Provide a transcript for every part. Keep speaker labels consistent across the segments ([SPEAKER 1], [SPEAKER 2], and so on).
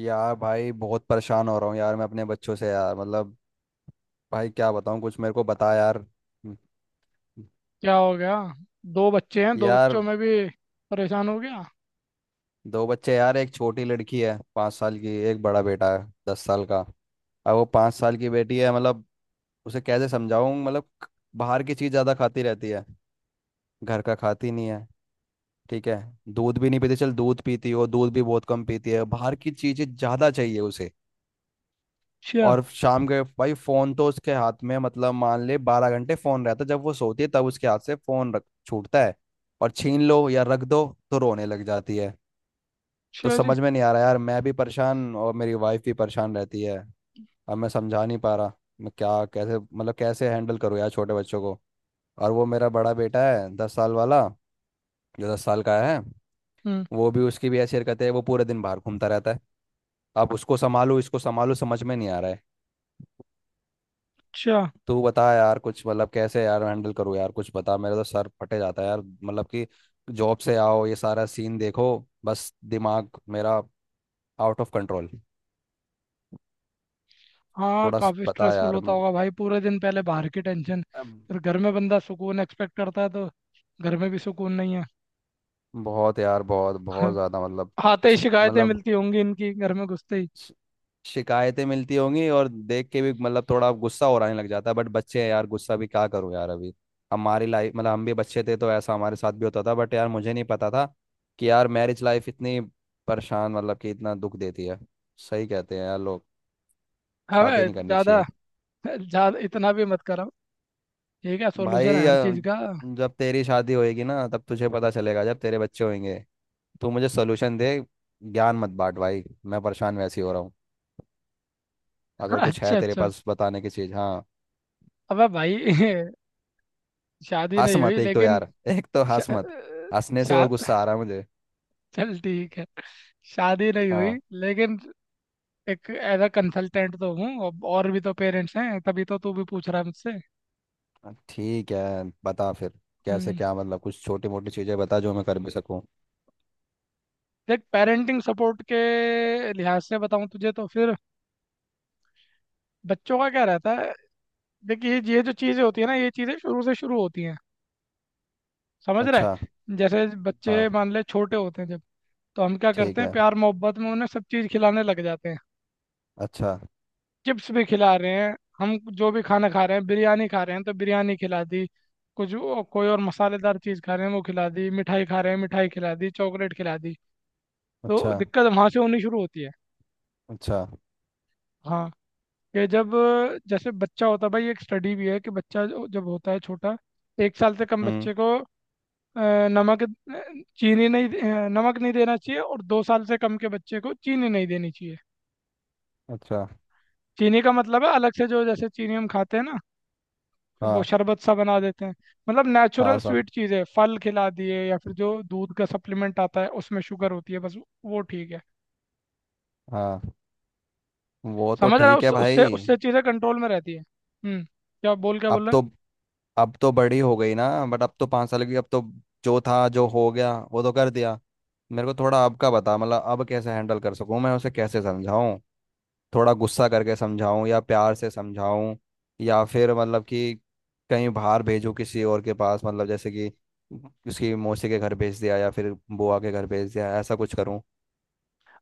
[SPEAKER 1] यार भाई, बहुत परेशान हो रहा हूँ यार। मैं अपने बच्चों से यार, मतलब भाई क्या बताऊँ? कुछ मेरे को बता यार।
[SPEAKER 2] क्या हो गया? दो बच्चे हैं, दो
[SPEAKER 1] यार
[SPEAKER 2] बच्चों में भी परेशान हो गया?
[SPEAKER 1] दो बच्चे यार, एक छोटी लड़की है 5 साल की, एक बड़ा बेटा है 10 साल का। अब वो 5 साल की बेटी है, मतलब उसे कैसे समझाऊँ? मतलब बाहर की चीज़ ज़्यादा खाती रहती है, घर का खाती नहीं है। ठीक है, दूध भी नहीं पीती, चल दूध पीती हो, दूध भी बहुत कम पीती है, बाहर की चीज़ें ज़्यादा चाहिए उसे।
[SPEAKER 2] अच्छा।
[SPEAKER 1] और शाम के भाई, फोन तो उसके हाथ में, मतलब मान ले 12 घंटे फोन रहता है। जब वो सोती है तब उसके हाथ से फोन रख छूटता है। और छीन लो या रख दो तो रोने लग जाती है। तो
[SPEAKER 2] अच्छा जी।
[SPEAKER 1] समझ में नहीं आ रहा यार। मैं भी परेशान और मेरी वाइफ भी परेशान रहती है। अब मैं समझा नहीं पा रहा, मैं क्या, कैसे, मतलब कैसे हैंडल करूँ यार छोटे बच्चों को। और वो मेरा बड़ा बेटा है, 10 साल वाला, जो 10 साल का है,
[SPEAKER 2] हम्म।
[SPEAKER 1] वो भी, उसकी भी ऐसी हरकत है, वो पूरे दिन बाहर घूमता रहता है। अब उसको संभालो, इसको संभालो, समझ में नहीं आ रहा है।
[SPEAKER 2] अच्छा।
[SPEAKER 1] तू बता यार कुछ, मतलब कैसे यार हैंडल करूँ यार, कुछ बता। मेरा तो सर फटे जाता है यार, मतलब कि जॉब से आओ ये सारा सीन देखो, बस दिमाग मेरा आउट ऑफ कंट्रोल।
[SPEAKER 2] हाँ,
[SPEAKER 1] थोड़ा
[SPEAKER 2] काफ़ी
[SPEAKER 1] बता
[SPEAKER 2] स्ट्रेसफुल
[SPEAKER 1] यार
[SPEAKER 2] होता होगा भाई। पूरे दिन पहले बाहर की टेंशन,
[SPEAKER 1] अम,
[SPEAKER 2] फिर घर में बंदा सुकून एक्सपेक्ट करता है, तो घर में भी सुकून नहीं है।
[SPEAKER 1] बहुत यार, बहुत बहुत
[SPEAKER 2] हाँ,
[SPEAKER 1] ज़्यादा मतलब।
[SPEAKER 2] आते ही शिकायतें
[SPEAKER 1] मतलब
[SPEAKER 2] मिलती होंगी इनकी, घर में घुसते ही।
[SPEAKER 1] श- शिकायतें मिलती होंगी और देख के भी मतलब थोड़ा गुस्सा हो, आने लग जाता है। बट बच्चे हैं यार, गुस्सा भी क्या करूं यार अभी। हमारी लाइफ, मतलब हम भी बच्चे थे तो ऐसा हमारे साथ भी होता था, बट यार मुझे नहीं पता था कि यार मैरिज लाइफ इतनी परेशान, मतलब कि इतना दुख देती है। सही कहते हैं यार लोग,
[SPEAKER 2] अबे
[SPEAKER 1] शादी नहीं करनी
[SPEAKER 2] ज़्यादा
[SPEAKER 1] चाहिए।
[SPEAKER 2] ज़्यादा इतना भी मत करो। ठीक है, सोल्यूशन है
[SPEAKER 1] भाई,
[SPEAKER 2] हर चीज़ का।
[SPEAKER 1] जब तेरी शादी होएगी ना तब तुझे पता चलेगा, जब तेरे बच्चे होंगे। तू मुझे सोल्यूशन दे, ज्ञान मत बांट भाई, मैं परेशान वैसे ही हो रहा हूँ। अगर कुछ है
[SPEAKER 2] अच्छा
[SPEAKER 1] तेरे
[SPEAKER 2] अच्छा
[SPEAKER 1] पास बताने की चीज़, हाँ।
[SPEAKER 2] अबे भाई शादी
[SPEAKER 1] हंस
[SPEAKER 2] नहीं हुई
[SPEAKER 1] मत, एक तो
[SPEAKER 2] लेकिन,
[SPEAKER 1] यार, एक तो हंस मत, हंसने से
[SPEAKER 2] शा,
[SPEAKER 1] और गुस्सा आ रहा है मुझे।
[SPEAKER 2] चल ठीक है। शादी नहीं हुई
[SPEAKER 1] हाँ।
[SPEAKER 2] लेकिन एक एज अ कंसल्टेंट तो हूँ अब। और भी तो पेरेंट्स हैं, तभी तो तू भी पूछ रहा है मुझसे।
[SPEAKER 1] ठीक है, बता फिर, कैसे
[SPEAKER 2] हम्म।
[SPEAKER 1] क्या, मतलब कुछ छोटी मोटी चीज़ें बता जो मैं कर भी सकूं।
[SPEAKER 2] देख, पेरेंटिंग सपोर्ट के लिहाज से बताऊँ तुझे तो फिर बच्चों का क्या रहता है। देख, ये जो चीज़ें होती है ना, ये चीज़ें शुरू से शुरू होती हैं। समझ रहा
[SPEAKER 1] अच्छा।
[SPEAKER 2] है, जैसे बच्चे
[SPEAKER 1] हाँ।
[SPEAKER 2] मान ले छोटे होते हैं जब, तो हम क्या
[SPEAKER 1] ठीक
[SPEAKER 2] करते हैं,
[SPEAKER 1] है।
[SPEAKER 2] प्यार मोहब्बत में उन्हें सब चीज़ खिलाने लग जाते हैं।
[SPEAKER 1] अच्छा,
[SPEAKER 2] चिप्स भी खिला रहे हैं, हम जो भी खाना खा रहे हैं, बिरयानी खा रहे हैं तो बिरयानी खिला दी। कुछ कोई और मसालेदार चीज़ खा रहे हैं वो खिला दी, मिठाई खा रहे हैं मिठाई खिला दी, चॉकलेट खिला दी।
[SPEAKER 1] अच्छा।
[SPEAKER 2] तो दिक्कत वहाँ से होनी शुरू होती है।
[SPEAKER 1] अच्छा।
[SPEAKER 2] हाँ। कि जब जैसे बच्चा होता है भाई, एक स्टडी भी है कि बच्चा जब होता है छोटा, एक साल से कम
[SPEAKER 1] हम्म।
[SPEAKER 2] बच्चे को अ, नमक चीनी नहीं दे- अ, नमक नहीं देना चाहिए, और दो साल से कम के बच्चे को चीनी नहीं देनी चाहिए।
[SPEAKER 1] अच्छा।
[SPEAKER 2] चीनी का मतलब है अलग से जो, जैसे चीनी हम खाते हैं ना, वो
[SPEAKER 1] हाँ।
[SPEAKER 2] शरबत सा बना देते हैं। मतलब नेचुरल
[SPEAKER 1] हाँ सब।
[SPEAKER 2] स्वीट चीज़ है, फल खिला दिए, या फिर जो दूध का सप्लीमेंट आता है उसमें शुगर होती है, बस वो ठीक है।
[SPEAKER 1] हाँ, वो तो
[SPEAKER 2] समझ रहा है,
[SPEAKER 1] ठीक है
[SPEAKER 2] उससे
[SPEAKER 1] भाई।
[SPEAKER 2] उससे चीज़ें कंट्रोल में रहती है। हम्म। क्या
[SPEAKER 1] अब
[SPEAKER 2] बोल रहा है?
[SPEAKER 1] तो, अब तो बड़ी हो गई ना, बट अब तो 5 साल की, अब तो जो था जो हो गया वो तो कर दिया। मेरे को थोड़ा अब का बता, मतलब अब कैसे हैंडल कर सकूं, मैं उसे कैसे समझाऊं? थोड़ा गुस्सा करके समझाऊं या प्यार से समझाऊं? या फिर मतलब कि कहीं बाहर भेजूं किसी और के पास, मतलब जैसे कि उसकी मौसी के घर भेज दिया या फिर बुआ के घर भेज दिया, ऐसा कुछ करूं?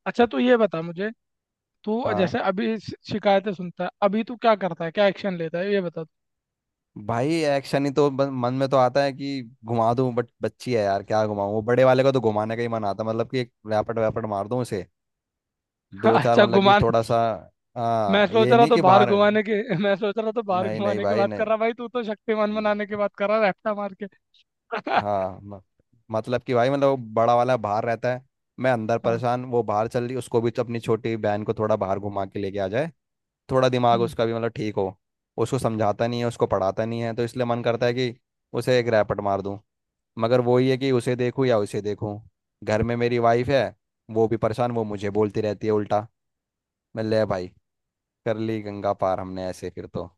[SPEAKER 2] अच्छा, तू ये बता मुझे, तू
[SPEAKER 1] हाँ।
[SPEAKER 2] जैसे अभी शिकायतें सुनता है, अभी तू क्या करता है, क्या एक्शन लेता है, ये बता तू।
[SPEAKER 1] भाई एक्शन ही तो मन में तो आता है कि घुमा दूं, बट बच्ची है यार, क्या घुमाऊं। वो बड़े वाले का तो घुमाने का ही मन आता है, मतलब कि एक रैपट वैपट मार दूं उसे, दो चार,
[SPEAKER 2] अच्छा,
[SPEAKER 1] मतलब कि
[SPEAKER 2] घुमान,
[SPEAKER 1] थोड़ा सा।
[SPEAKER 2] मैं
[SPEAKER 1] हाँ
[SPEAKER 2] सोच
[SPEAKER 1] ये
[SPEAKER 2] रहा
[SPEAKER 1] नहीं
[SPEAKER 2] तो
[SPEAKER 1] कि
[SPEAKER 2] बाहर
[SPEAKER 1] बाहर।
[SPEAKER 2] घुमाने के, मैं सोच रहा तो बाहर
[SPEAKER 1] नहीं नहीं
[SPEAKER 2] घुमाने की
[SPEAKER 1] भाई,
[SPEAKER 2] बात कर
[SPEAKER 1] नहीं।
[SPEAKER 2] रहा भाई। तू तो शक्तिमान बनाने की बात कर रहा, रैप्टा मार के।
[SPEAKER 1] हाँ, मतलब कि भाई, मतलब वो बड़ा वाला बाहर रहता है, मैं अंदर
[SPEAKER 2] हाँ।
[SPEAKER 1] परेशान, वो बाहर चल रही, उसको भी तो अपनी छोटी बहन को थोड़ा बाहर घुमा के लेके आ जाए, थोड़ा दिमाग
[SPEAKER 2] हम्म।
[SPEAKER 1] उसका भी मतलब ठीक हो। उसको समझाता नहीं है, उसको पढ़ाता नहीं है, तो इसलिए मन करता है कि उसे एक रैपट मार दूं। मगर वही है कि उसे देखूं या उसे देखूं। घर में मेरी वाइफ है, वो भी परेशान, वो मुझे बोलती रहती है उल्टा। मैं ले भाई, कर ली गंगा पार हमने ऐसे फिर तो।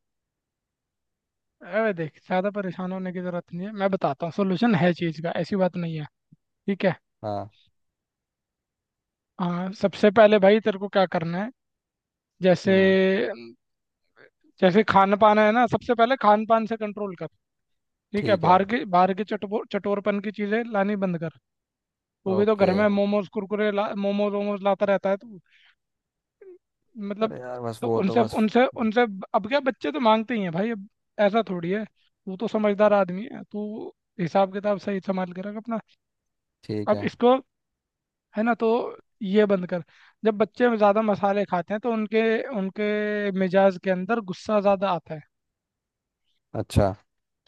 [SPEAKER 2] अरे देख, ज़्यादा परेशान होने की ज़रूरत नहीं है। मैं बताता हूँ, सोल्यूशन है चीज़ का, ऐसी बात नहीं है। ठीक है।
[SPEAKER 1] हाँ।
[SPEAKER 2] हाँ, सबसे पहले भाई तेरे को क्या करना है, जैसे,
[SPEAKER 1] हम्म।
[SPEAKER 2] जैसे खान पान है ना, सबसे पहले खान पान से कंट्रोल कर। ठीक है,
[SPEAKER 1] ठीक है।
[SPEAKER 2] बाहर के चटपो चटोरपन की चीज़ें लानी बंद कर। वो भी तो
[SPEAKER 1] ओके।
[SPEAKER 2] घर में मोमोज कुरकुरे ला, मोमोज वोमोज लाता रहता है तो मतलब।
[SPEAKER 1] अरे यार बस
[SPEAKER 2] तो
[SPEAKER 1] वो तो
[SPEAKER 2] उनसे
[SPEAKER 1] बस।
[SPEAKER 2] उनसे उनसे अब क्या, बच्चे तो मांगते ही हैं भाई। अब ऐसा थोड़ी है, तू तो समझदार आदमी है तू, हिसाब किताब सही संभाल के रख अपना।
[SPEAKER 1] ठीक
[SPEAKER 2] अब
[SPEAKER 1] है।
[SPEAKER 2] इसको है ना, तो ये बंद कर। जब बच्चे ज़्यादा मसाले खाते हैं तो उनके उनके मिजाज के अंदर गुस्सा ज़्यादा आता है।
[SPEAKER 1] अच्छा।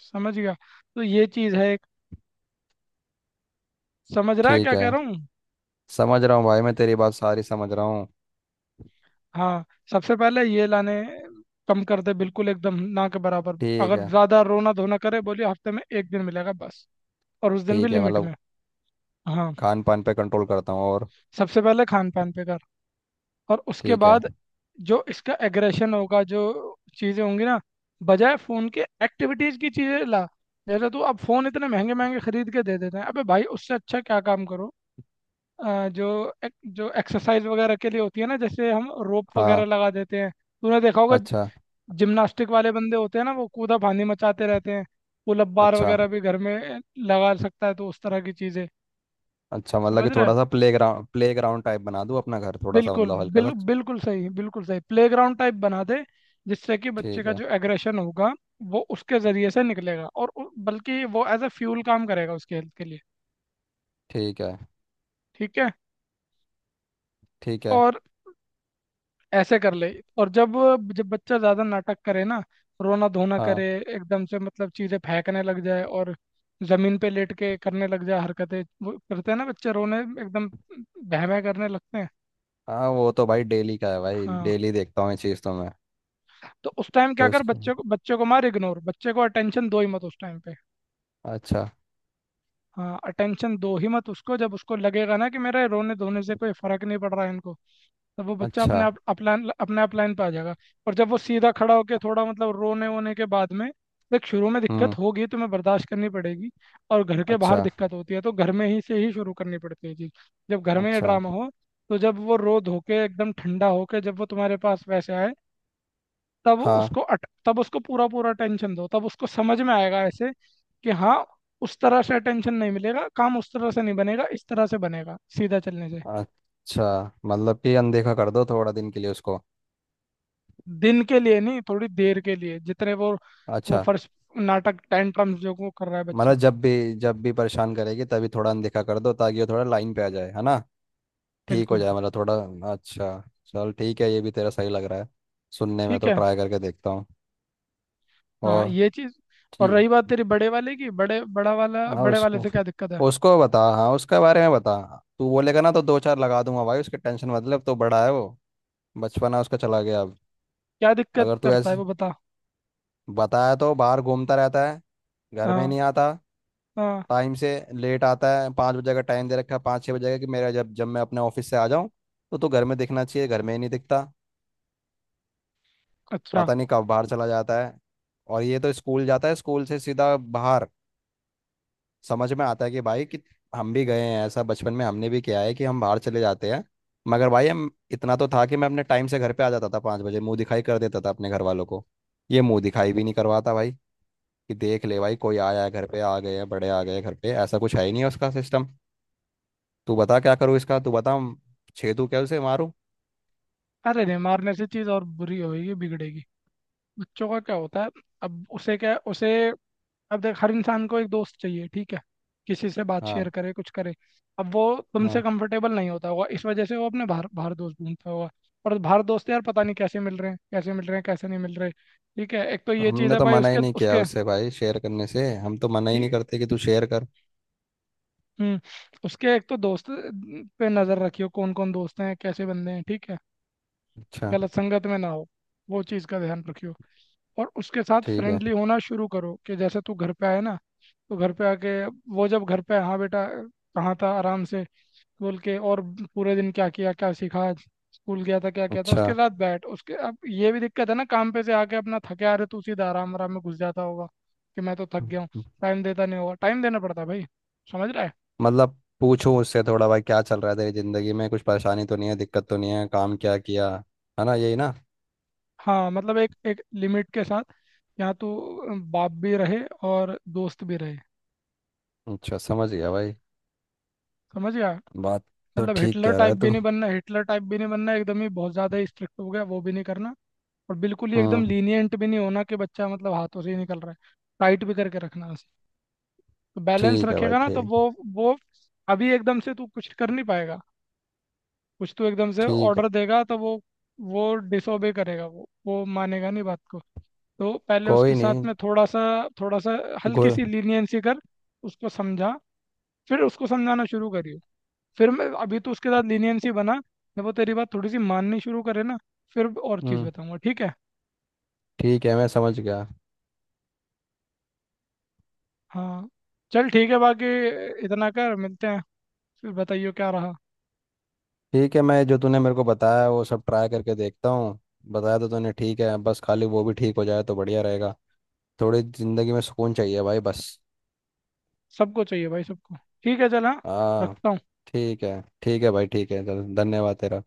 [SPEAKER 2] समझ गया? तो ये चीज़ है एक। समझ रहा है
[SPEAKER 1] ठीक
[SPEAKER 2] क्या कह
[SPEAKER 1] है,
[SPEAKER 2] रहा हूँ?
[SPEAKER 1] समझ रहा हूँ भाई, मैं तेरी बात सारी समझ रहा हूँ।
[SPEAKER 2] हाँ, सबसे पहले ये लाने कम कर दे, बिल्कुल एकदम ना के बराबर।
[SPEAKER 1] ठीक
[SPEAKER 2] अगर
[SPEAKER 1] है।
[SPEAKER 2] ज़्यादा रोना धोना करे, बोलिए हफ्ते में एक दिन मिलेगा बस, और उस दिन भी
[SPEAKER 1] ठीक है,
[SPEAKER 2] लिमिट
[SPEAKER 1] मतलब
[SPEAKER 2] में। हाँ,
[SPEAKER 1] खान पान पे कंट्रोल करता हूँ, और
[SPEAKER 2] सबसे पहले खान पान पे कर, और उसके
[SPEAKER 1] ठीक है।
[SPEAKER 2] बाद जो इसका एग्रेशन होगा, जो चीज़ें होंगी ना, बजाय फ़ोन के एक्टिविटीज़ की चीज़ें ला। जैसे तू अब फ़ोन इतने महंगे महंगे खरीद के दे देते हैं, अबे भाई उससे अच्छा क्या काम करो। जो जो एक्सरसाइज वगैरह के लिए होती है ना, जैसे हम रोप वगैरह
[SPEAKER 1] हाँ।
[SPEAKER 2] लगा देते हैं, तूने देखा होगा
[SPEAKER 1] अच्छा,
[SPEAKER 2] जिम्नास्टिक वाले बंदे होते हैं ना, वो कूदा फांदी मचाते रहते हैं। पुल अप बार
[SPEAKER 1] अच्छा।
[SPEAKER 2] वगैरह भी घर में लगा सकता है, तो उस तरह की चीज़ें।
[SPEAKER 1] अच्छा मतलब
[SPEAKER 2] समझ
[SPEAKER 1] कि
[SPEAKER 2] रहा है?
[SPEAKER 1] थोड़ा सा playground, playground type बना दूँ अपना घर, थोड़ा सा
[SPEAKER 2] बिल्कुल
[SPEAKER 1] मतलब हल्का सा।
[SPEAKER 2] बिल्कुल सही, बिल्कुल सही, प्लेग्राउंड टाइप बना दे, जिससे कि बच्चे
[SPEAKER 1] ठीक
[SPEAKER 2] का
[SPEAKER 1] है।
[SPEAKER 2] जो एग्रेशन होगा वो उसके जरिए से निकलेगा। और बल्कि वो एज अ फ्यूल काम करेगा उसके हेल्थ के लिए।
[SPEAKER 1] ठीक है।
[SPEAKER 2] ठीक है।
[SPEAKER 1] ठीक है।
[SPEAKER 2] और ऐसे कर ले। और जब जब बच्चा ज़्यादा नाटक करे ना, रोना धोना करे,
[SPEAKER 1] हाँ।
[SPEAKER 2] एकदम से मतलब चीज़ें फेंकने लग जाए, और ज़मीन पे लेट के करने लग जाए हरकतें, वो करते हैं ना बच्चे रोने एकदम बहमे करने लगते हैं।
[SPEAKER 1] हाँ वो तो भाई डेली का है भाई,
[SPEAKER 2] हाँ।
[SPEAKER 1] डेली देखता हूँ ये चीज़ तो मैं।
[SPEAKER 2] तो उस टाइम क्या
[SPEAKER 1] तो
[SPEAKER 2] कर,
[SPEAKER 1] इसको,
[SPEAKER 2] बच्चे को मार इग्नोर बच्चे को अटेंशन दो ही मत उस टाइम पे।
[SPEAKER 1] अच्छा।
[SPEAKER 2] हाँ, अटेंशन दो ही मत उसको, जब उसको लगेगा ना कि मेरे रोने धोने से कोई फर्क नहीं पड़ रहा है इनको, तब वो बच्चा
[SPEAKER 1] अच्छा।
[SPEAKER 2] अपने आप अपलाइन अपने आप लाइन पे आ जाएगा। और जब वो सीधा खड़ा होकर थोड़ा मतलब रोने वोने के बाद में, देख शुरू में दिक्कत
[SPEAKER 1] हम्म।
[SPEAKER 2] होगी, तुम्हें बर्दाश्त करनी पड़ेगी। और घर के बाहर
[SPEAKER 1] अच्छा।
[SPEAKER 2] दिक्कत होती है तो घर में ही से ही शुरू करनी पड़ती है चीज़। जब घर में ये
[SPEAKER 1] अच्छा।
[SPEAKER 2] ड्रामा हो, तो जब वो रो धो के एकदम ठंडा होके जब वो तुम्हारे पास वैसे आए, तब
[SPEAKER 1] हाँ।
[SPEAKER 2] तब उसको पूरा पूरा अटेंशन दो, तब उसको समझ में आएगा ऐसे कि हाँ, उस तरह से अटेंशन नहीं मिलेगा, काम उस तरह से नहीं बनेगा, इस तरह से बनेगा सीधा चलने से।
[SPEAKER 1] अच्छा मतलब कि अनदेखा कर दो थोड़ा दिन के लिए उसको।
[SPEAKER 2] दिन के लिए नहीं, थोड़ी देर के लिए, जितने वो
[SPEAKER 1] अच्छा
[SPEAKER 2] फर्स्ट नाटक टेंट्रम्स जो वो कर रहा है
[SPEAKER 1] मतलब
[SPEAKER 2] बच्चा।
[SPEAKER 1] जब भी, जब भी परेशान करेगी तभी थोड़ा अनदेखा कर दो, ताकि वो थोड़ा लाइन पे आ जाए, है ना, ठीक हो
[SPEAKER 2] बिल्कुल।
[SPEAKER 1] जाए, मतलब थोड़ा। अच्छा, चल ठीक है, ये भी तेरा सही लग रहा है सुनने में,
[SPEAKER 2] ठीक
[SPEAKER 1] तो
[SPEAKER 2] है।
[SPEAKER 1] ट्राई करके देखता हूँ।
[SPEAKER 2] हाँ
[SPEAKER 1] और
[SPEAKER 2] ये चीज़। और
[SPEAKER 1] ठीक।
[SPEAKER 2] रही बात तेरी बड़े वाले की, बड़े बड़ा वाला,
[SPEAKER 1] हाँ
[SPEAKER 2] बड़े वाले
[SPEAKER 1] उसको,
[SPEAKER 2] से क्या दिक्कत है?
[SPEAKER 1] उसको बता, हाँ उसके बारे में बता। तू बोलेगा ना तो दो चार लगा दूंगा भाई, उसकी टेंशन मतलब, तो बड़ा है वो, बचपना उसका चला गया अब।
[SPEAKER 2] क्या दिक्कत
[SPEAKER 1] अगर तू
[SPEAKER 2] करता है
[SPEAKER 1] ऐसे,
[SPEAKER 2] वो बता।
[SPEAKER 1] बताया तो बाहर घूमता रहता है, घर में
[SPEAKER 2] हाँ।
[SPEAKER 1] नहीं आता,
[SPEAKER 2] हाँ।
[SPEAKER 1] टाइम से लेट आता है। 5 बजे का टाइम दे रखा है, 5-6 बजे का, कि मेरा जब जब मैं अपने ऑफिस से आ जाऊँ तो घर में दिखना चाहिए, घर में ही नहीं दिखता,
[SPEAKER 2] अच्छा।
[SPEAKER 1] पता नहीं कब बाहर चला जाता है। और ये तो स्कूल जाता है, स्कूल से सीधा बाहर। समझ में आता है कि भाई कि हम भी गए हैं, ऐसा बचपन में हमने भी किया है कि हम बाहर चले जाते हैं, मगर भाई हम इतना तो था कि मैं अपने टाइम से घर पे आ जाता था, 5 बजे मुंह दिखाई कर देता था अपने घर वालों को। ये मुंह दिखाई भी नहीं करवाता भाई, कि देख ले भाई कोई आया है, घर पे आ गए हैं, बड़े आ गए हैं घर पे, ऐसा कुछ है ही नहीं है उसका सिस्टम। तू बता क्या करूँ इसका, तू बता, हम छेदू क्या, उसे मारूं?
[SPEAKER 2] अरे नहीं, मारने से चीज़ और बुरी होगी, बिगड़ेगी। बच्चों का क्या होता है, अब उसे क्या, उसे अब देख, हर इंसान को एक दोस्त चाहिए, ठीक है, किसी से बात
[SPEAKER 1] हाँ।
[SPEAKER 2] शेयर करे, कुछ करे। अब वो तुमसे
[SPEAKER 1] हाँ
[SPEAKER 2] कंफर्टेबल नहीं होता होगा, इस वजह से वो अपने बाहर बाहर दोस्त ढूंढता होगा। और बाहर दोस्त यार, पता नहीं कैसे मिल रहे हैं, कैसे नहीं मिल रहे, ठीक है, एक तो
[SPEAKER 1] तो
[SPEAKER 2] ये चीज़
[SPEAKER 1] हमने
[SPEAKER 2] है
[SPEAKER 1] तो
[SPEAKER 2] भाई
[SPEAKER 1] मना
[SPEAKER 2] उसके
[SPEAKER 1] ही नहीं किया
[SPEAKER 2] उसके।
[SPEAKER 1] उससे भाई, शेयर करने से हम तो मना ही नहीं
[SPEAKER 2] ठीक।
[SPEAKER 1] करते कि तू शेयर कर।
[SPEAKER 2] हम्म। उसके एक तो दोस्त पे नज़र रखियो, कौन कौन दोस्त हैं, कैसे बंदे हैं, ठीक है,
[SPEAKER 1] अच्छा।
[SPEAKER 2] गलत संगत में ना हो, वो चीज़ का ध्यान रखियो। और उसके साथ
[SPEAKER 1] ठीक है।
[SPEAKER 2] फ्रेंडली होना शुरू करो, कि जैसे तू घर पे आए ना, तो घर पे आके, वो जब घर पे, हाँ बेटा कहाँ था, आराम से बोल के, और पूरे दिन क्या किया, क्या सीखा आज, स्कूल गया था क्या किया था,
[SPEAKER 1] अच्छा
[SPEAKER 2] उसके साथ बैठ उसके। अब ये भी दिक्कत है ना, काम पे से आके अपना थके आ रहे, तू सीधा आराम आराम में घुस जाता होगा कि मैं तो थक गया हूँ, टाइम देता नहीं होगा। टाइम देना पड़ता है भाई, समझ रहा है?
[SPEAKER 1] मतलब पूछूं उससे थोड़ा, भाई क्या चल रहा है तेरी जिंदगी में, कुछ परेशानी तो नहीं है, दिक्कत तो नहीं है, काम क्या किया, है ना, यही ना?
[SPEAKER 2] हाँ, मतलब एक एक लिमिट के साथ, यहाँ तो बाप भी रहे और दोस्त भी रहे।
[SPEAKER 1] अच्छा, समझ गया भाई
[SPEAKER 2] समझ गया?
[SPEAKER 1] बात, तो
[SPEAKER 2] मतलब
[SPEAKER 1] ठीक कह रहा है तू।
[SPEAKER 2] हिटलर टाइप भी नहीं बनना, एकदम ही बहुत ज़्यादा स्ट्रिक्ट हो गया वो भी नहीं करना, और बिल्कुल ही एकदम
[SPEAKER 1] हम्म।
[SPEAKER 2] लीनियंट भी नहीं होना कि बच्चा मतलब हाथों से ही निकल रहा है। टाइट भी करके रखना है उसे, तो बैलेंस
[SPEAKER 1] ठीक है भाई,
[SPEAKER 2] रखेगा ना तो
[SPEAKER 1] ठीक।
[SPEAKER 2] वो अभी एकदम से तू कुछ कर नहीं पाएगा। कुछ तू एकदम से
[SPEAKER 1] ठीक है।
[SPEAKER 2] ऑर्डर देगा तो वो डिसोबे करेगा, वो मानेगा नहीं बात को। तो पहले उसके
[SPEAKER 1] कोई
[SPEAKER 2] साथ
[SPEAKER 1] नहीं।
[SPEAKER 2] में थोड़ा सा हल्की
[SPEAKER 1] गुल।
[SPEAKER 2] सी लीनियंसी कर, उसको समझा, फिर उसको समझाना शुरू करियो। फिर मैं अभी तो उसके साथ लीनियंसी बना, जब वो तेरी बात थोड़ी सी माननी शुरू करे ना, फिर और चीज़
[SPEAKER 1] हम्म।
[SPEAKER 2] बताऊंगा। ठीक है।
[SPEAKER 1] ठीक है, मैं समझ गया।
[SPEAKER 2] हाँ, चल ठीक है, बाकी इतना कर, मिलते हैं, फिर बताइए क्या रहा।
[SPEAKER 1] ठीक है, मैं जो तूने मेरे को बताया वो सब ट्राई करके देखता हूँ, बताया तो तूने ठीक है। बस खाली वो भी ठीक हो जाए तो बढ़िया रहेगा, थोड़ी ज़िंदगी में सुकून चाहिए भाई बस।
[SPEAKER 2] सबको चाहिए भाई, सबको। ठीक है, चल, हाँ,
[SPEAKER 1] हाँ।
[SPEAKER 2] रखता हूँ।
[SPEAKER 1] ठीक है, ठीक है भाई, ठीक है चल, धन्यवाद तेरा।